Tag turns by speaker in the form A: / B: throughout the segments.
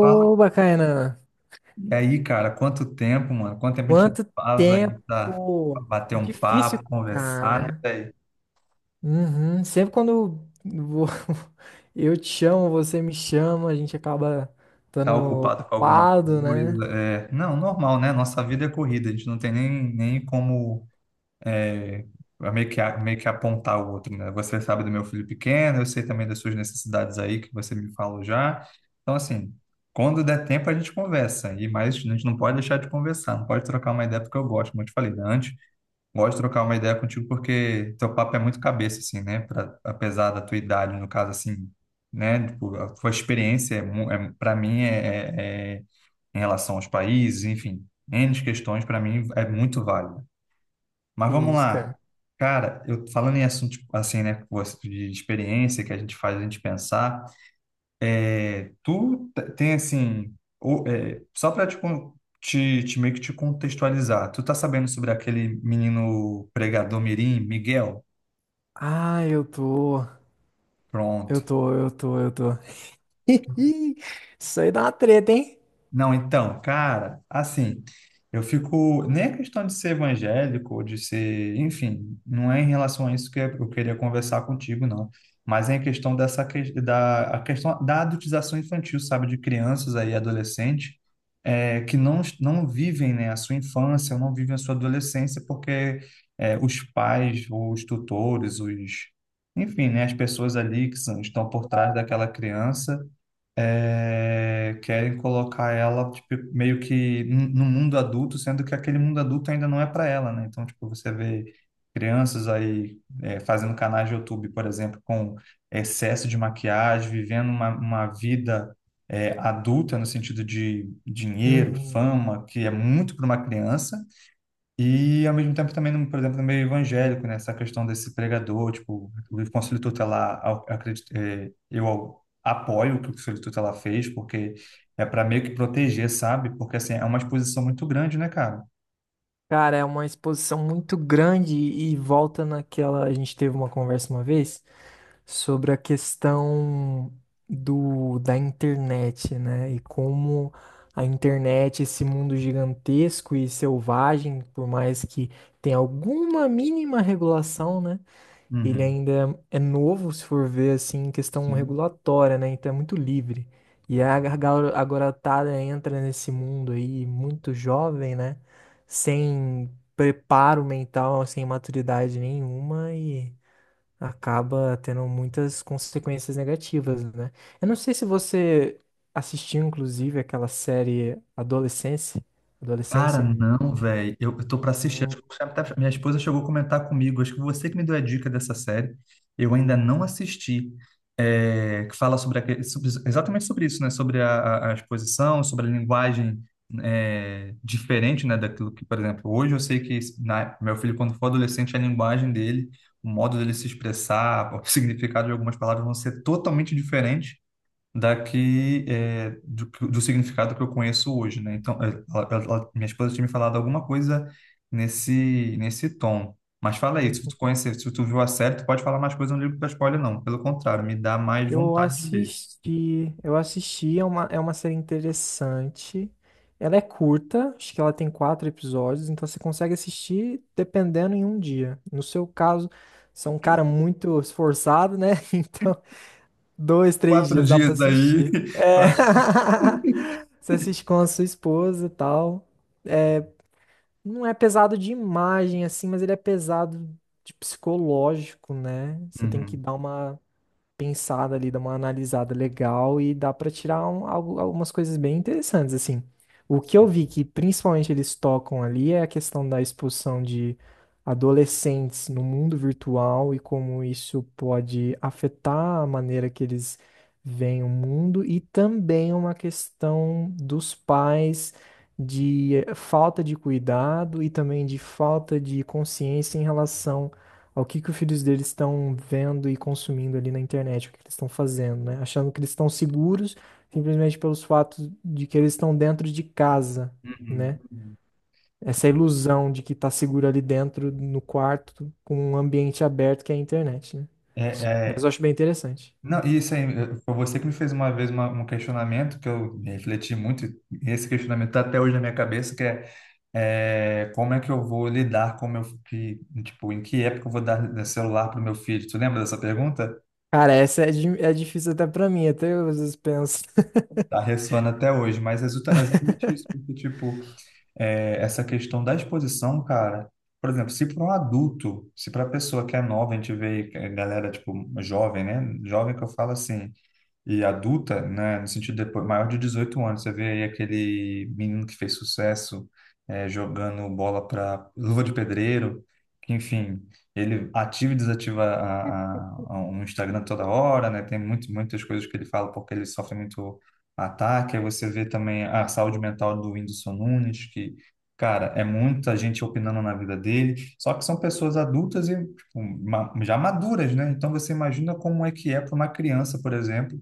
A: Fala.
B: bacana.
A: E aí, cara, quanto tempo, mano? Quanto tempo a gente não
B: Quanto
A: faz aí pra
B: tempo!
A: bater um
B: Difícil,
A: papo, conversar, né,
B: cara.
A: velho?
B: Uhum. Sempre quando vou- eu te chamo, você me chama, a gente acaba estando
A: Tá ocupado com alguma
B: ocupado, né?
A: coisa? Não, normal, né? Nossa vida é corrida, a gente não tem nem como é, meio que, meio que apontar o outro, né? Você sabe do meu filho pequeno, eu sei também das suas necessidades aí, que você me falou já. Então, assim, quando der tempo a gente conversa, e mais a gente não pode deixar de conversar, não pode trocar uma ideia porque eu gosto, como eu te falei, né? Antes. Gosto de trocar uma ideia contigo porque teu papo é muito cabeça, assim, né? Pra, apesar da tua idade, no caso, assim, né? Tipo, a tua experiência, para mim, é em relação aos países, enfim, N questões, para mim, é muito válida. Mas vamos
B: Isso,
A: lá.
B: cara.
A: Cara, eu falando em assunto, tipo, assim, né? Com de experiência que a gente faz a gente pensar, tu tem, assim, só pra te, meio que te contextualizar. Tu tá sabendo sobre aquele menino pregador mirim, Miguel?
B: Ah, eu tô. Eu
A: Pronto.
B: tô, eu tô, eu tô. Isso aí dá uma treta, hein?
A: Não, então, cara, assim, eu fico. Nem a questão de ser evangélico, ou de ser. Enfim, não é em relação a isso que eu queria conversar contigo, não. Mas é em questão dessa. Da, a questão da adultização infantil, sabe? De crianças aí, adolescente, que não vivem, né, a sua infância, ou não vivem a sua adolescência, porque os pais, os tutores, os. Enfim, né, as pessoas ali que são, estão por trás daquela criança querem colocar ela tipo, meio que no mundo adulto, sendo que aquele mundo adulto ainda não é para ela, né? Então, tipo, você vê crianças aí fazendo canais de YouTube, por exemplo, com excesso de maquiagem, vivendo uma vida adulta no sentido de dinheiro,
B: Uhum.
A: fama, que é muito para uma criança. E, ao mesmo tempo, também, por exemplo, no meio evangélico, né? Essa questão desse pregador, tipo, o Conselho Tutelar, eu acredito, eu apoio o que o Conselho Tutelar fez, porque é para meio que proteger, sabe? Porque, assim, é uma exposição muito grande, né, cara?
B: Cara, é uma exposição muito grande e volta naquela. A gente teve uma conversa uma vez sobre a questão da internet, né? E como a internet, esse mundo gigantesco e selvagem, por mais que tenha alguma mínima regulação, né? Ele
A: Uhum.
B: ainda é novo, se for ver assim, em questão
A: Sim.
B: regulatória, né? Então é muito livre. E a garotada entra nesse mundo aí muito jovem, né? Sem preparo mental, sem maturidade nenhuma e acaba tendo muitas consequências negativas, né? Eu não sei se você assistiu, inclusive, aquela série Adolescência.
A: Cara,
B: Adolescência.
A: não, velho. Eu tô pra assistir. Acho
B: Hum,
A: que até minha esposa chegou a comentar comigo. Acho que você que me deu a dica dessa série. Eu ainda não assisti. É, que fala sobre, exatamente sobre isso, né? Sobre a exposição, sobre a linguagem diferente, né? Daquilo que, por exemplo, hoje eu sei que meu filho, quando for adolescente, a linguagem dele, o modo dele se expressar, o significado de algumas palavras vão ser totalmente diferentes daqui do significado que eu conheço hoje, né? Então, é, minha esposa tinha me falado alguma coisa nesse tom. Mas fala aí, se
B: hum.
A: tu conhecer, se tu viu a série, tu pode falar mais coisa no livro da spoiler, não. Pelo contrário, me dá mais
B: Eu
A: vontade de ver.
B: assisti, eu assisti, é uma série interessante. Ela é curta, acho que ela tem quatro episódios, então você consegue assistir dependendo em um dia. No seu caso, você é um cara muito esforçado, né? Então dois, três
A: Quatro
B: dias dá pra
A: dias aí,
B: assistir.
A: eu
B: É.
A: acho.
B: Você assiste com a sua esposa e tal. Não é pesado de imagem, assim, mas ele é pesado de psicológico, né? Você tem que
A: Uhum.
B: dar uma pensada ali, dá uma analisada legal e dá pra tirar algumas coisas bem interessantes, assim. O que eu vi que principalmente eles tocam ali é a questão da expulsão de adolescentes no mundo virtual e como isso pode afetar a maneira que eles veem o mundo e também uma questão dos pais de falta de cuidado e também de falta de consciência em relação ao que os filhos deles estão vendo e consumindo ali na internet, o que que eles estão fazendo, né? Achando que eles estão seguros simplesmente pelos fatos de que eles estão dentro de casa,
A: Uhum,
B: né?
A: uhum.
B: Essa ilusão de que tá seguro ali dentro, no quarto, com um ambiente aberto que é a internet, né?
A: É,
B: Mas
A: é,
B: eu acho bem interessante.
A: não, e isso aí, foi você que me fez uma vez um questionamento que eu refleti muito, e esse questionamento está até hoje na minha cabeça, que é é, como é que eu vou lidar com meu que, tipo, em que época eu vou dar celular para o meu filho? Tu lembra dessa pergunta?
B: Cara, essa é, é difícil até pra mim, até eu às vezes penso.
A: Tá ressoando até hoje, mas é exatamente isso, porque, tipo, é, essa questão da exposição, cara, por exemplo, se para um adulto, se para a pessoa que é nova, a gente vê galera, tipo, jovem, né? Jovem que eu falo assim, e adulta, né, no sentido depois, maior de 18 anos. Você vê aí aquele menino que fez sucesso jogando bola para luva de pedreiro, que, enfim, ele ativa e desativa a um Instagram toda hora, né? Tem muitas coisas que ele fala porque ele sofre muito ataque. Aí você vê também a saúde mental do Whindersson Nunes, que cara, é muita gente opinando na vida dele, só que são pessoas adultas e tipo, já maduras, né? Então você imagina como é que é para uma criança, por exemplo,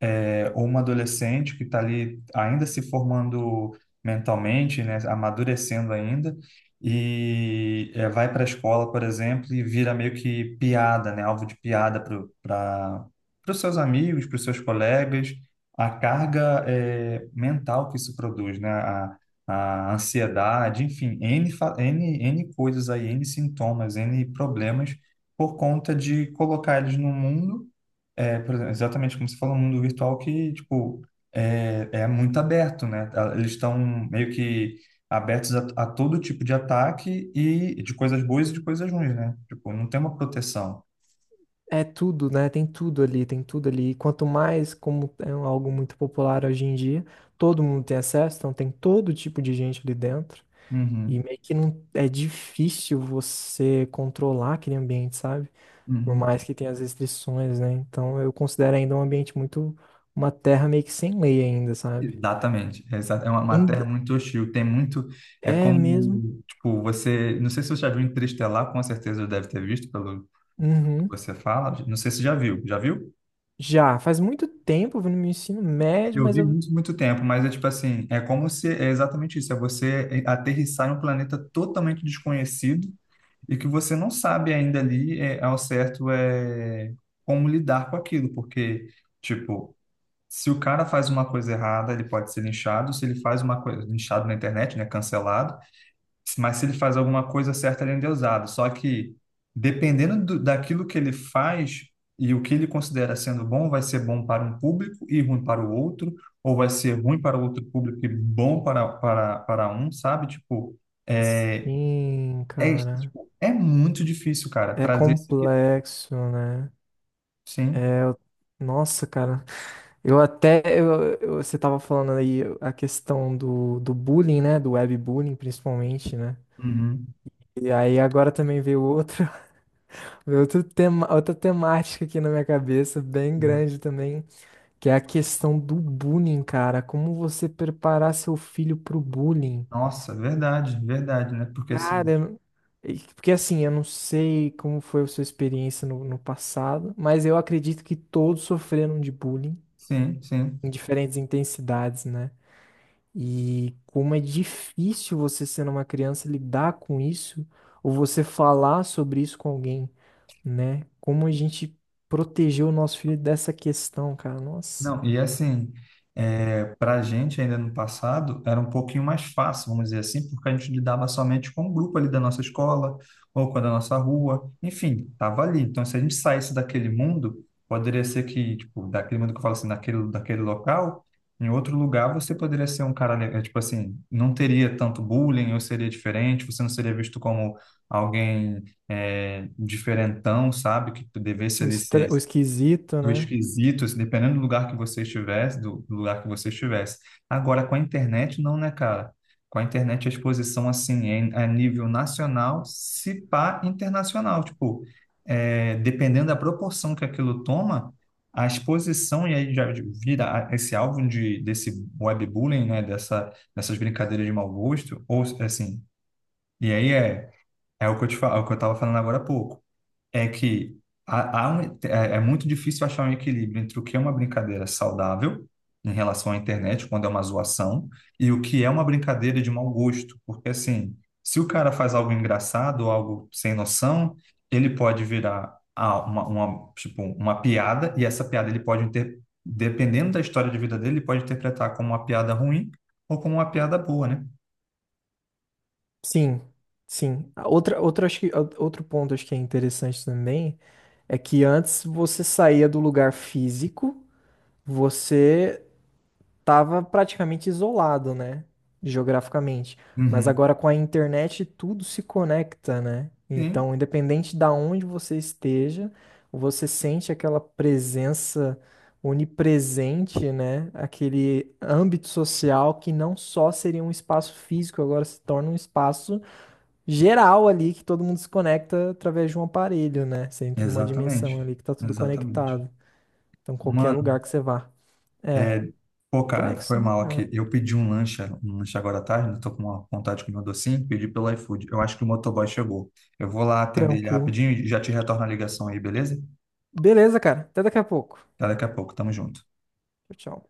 A: ou uma adolescente que está ali ainda se formando mentalmente, né, amadurecendo ainda, e vai para a escola, por exemplo, e vira meio que piada, né, alvo de piada para os seus amigos, para os seus colegas, a carga mental que isso produz, né, a ansiedade, enfim, N, N, N coisas aí, N sintomas, N problemas, por conta de colocar eles no mundo por exemplo, exatamente como você falou, um mundo virtual que, tipo, é muito aberto, né? Ah, eles estão meio que abertos a todo tipo de ataque e de coisas boas e de coisas ruins, né? Tipo, não tem uma proteção.
B: É tudo, né? Tem tudo ali, tem tudo ali. E quanto mais, como é algo muito popular hoje em dia, todo mundo tem acesso, então tem todo tipo de gente ali dentro. E
A: Uhum,
B: meio que não é difícil você controlar aquele ambiente, sabe? Por
A: uhum.
B: mais que tenha as restrições, né? Então eu considero ainda um ambiente muito, uma terra meio que sem lei ainda, sabe?
A: Exatamente. É é uma terra
B: Ainda
A: muito hostil. Tem muito. É
B: é mesmo.
A: como, tipo, você. Não sei se você já viu Interestelar, com certeza deve ter visto pelo que
B: Uhum.
A: você fala. Não sei se já viu. Já viu?
B: Já faz muito tempo, eu vim no meu ensino médio,
A: Eu
B: mas
A: vi
B: eu
A: muito, muito tempo, mas é tipo assim, é como se, é exatamente isso, é você aterrissar em um planeta totalmente desconhecido e que você não sabe ainda ali como lidar com aquilo, porque, tipo, se o cara faz uma coisa errada, ele pode ser linchado, se ele faz uma coisa, linchado na internet, né, cancelado, mas se ele faz alguma coisa certa, ele é endeusado. Só que, dependendo daquilo que ele faz e o que ele considera sendo bom, vai ser bom para um público e ruim para o outro, ou vai ser ruim para o outro público e bom para um, sabe? Tipo, é,
B: sim, cara.
A: tipo, é muito difícil, cara,
B: É
A: trazer esse equilíbrio.
B: complexo, né?
A: Sim.
B: É, eu- nossa, cara. Eu até eu- você tava falando aí a questão do bullying, né? Do webbullying, principalmente, né?
A: Uhum.
B: E aí agora também veio outro, veio outro tema, outra temática aqui na minha cabeça, bem grande também, que é a questão do bullying, cara. Como você preparar seu filho pro bullying?
A: Nossa, verdade, verdade, né? Porque
B: Cara,
A: assim,
B: eu- porque assim, eu não sei como foi a sua experiência no passado, mas eu acredito que todos sofreram de bullying
A: sim, sim.
B: em diferentes intensidades, né? E como é difícil você sendo uma criança lidar com isso ou você falar sobre isso com alguém, né? Como a gente protegeu o nosso filho dessa questão, cara. Nossa,
A: Não, e assim, para a gente ainda no passado, era um pouquinho mais fácil, vamos dizer assim, porque a gente lidava somente com o grupo ali da nossa escola, ou com a da nossa rua, enfim, estava ali. Então, se a gente saísse daquele mundo, poderia ser que, tipo, daquele mundo que eu falo assim, daquele local, em outro lugar você poderia ser um cara, tipo assim, não teria tanto bullying, ou seria diferente, você não seria visto como alguém diferentão, sabe, que devesse
B: o,
A: ali ser
B: o esquisito,
A: do
B: né?
A: esquisito, assim, dependendo do lugar que você estivesse, do lugar que você estivesse. Agora, com a internet, não, né, cara? Com a internet, a exposição, assim, é a nível nacional, se pá internacional. Tipo, dependendo da proporção que aquilo toma, a exposição, e aí já vira esse alvo de, desse webbullying, né, dessas brincadeiras de mau gosto, ou, assim, e aí é o que eu é o que eu tava falando agora há pouco é que há um, é muito difícil achar um equilíbrio entre o que é uma brincadeira saudável em relação à internet, quando é uma zoação, e o que é uma brincadeira de mau gosto. Porque, assim, se o cara faz algo engraçado, algo sem noção, ele pode virar uma, tipo, uma piada, e essa piada ele pode, inter... dependendo da história de vida dele, ele pode interpretar como uma piada ruim ou como uma piada boa, né?
B: Sim, sim. A Outra, outra, acho que, a- outro ponto acho que é interessante também é que antes você saía do lugar físico, você tava praticamente isolado, né? Geograficamente. Mas
A: Uhum.
B: agora com a internet tudo se conecta, né?
A: Sim,
B: Então, independente da onde você esteja, você sente aquela presença onipresente, né? Aquele âmbito social que não só seria um espaço físico, agora se torna um espaço geral ali que todo mundo se conecta através de um aparelho, né? Você entra numa dimensão
A: exatamente.
B: ali que tá tudo
A: Exatamente.
B: conectado. Então, qualquer
A: Mano.
B: lugar que você vá. É
A: É, pô, cara, foi
B: complexo,
A: mal
B: né?
A: aqui.
B: É.
A: Eu pedi um lanche agora à tarde, né? Tô com uma vontade de comer um docinho, pedi pelo iFood. Eu acho que o motoboy chegou. Eu vou lá atender ele
B: Tranquilo.
A: rapidinho e já te retorno a ligação aí, beleza?
B: Beleza, cara. Até daqui a pouco.
A: Até daqui a pouco, tamo junto.
B: Tchau, tchau.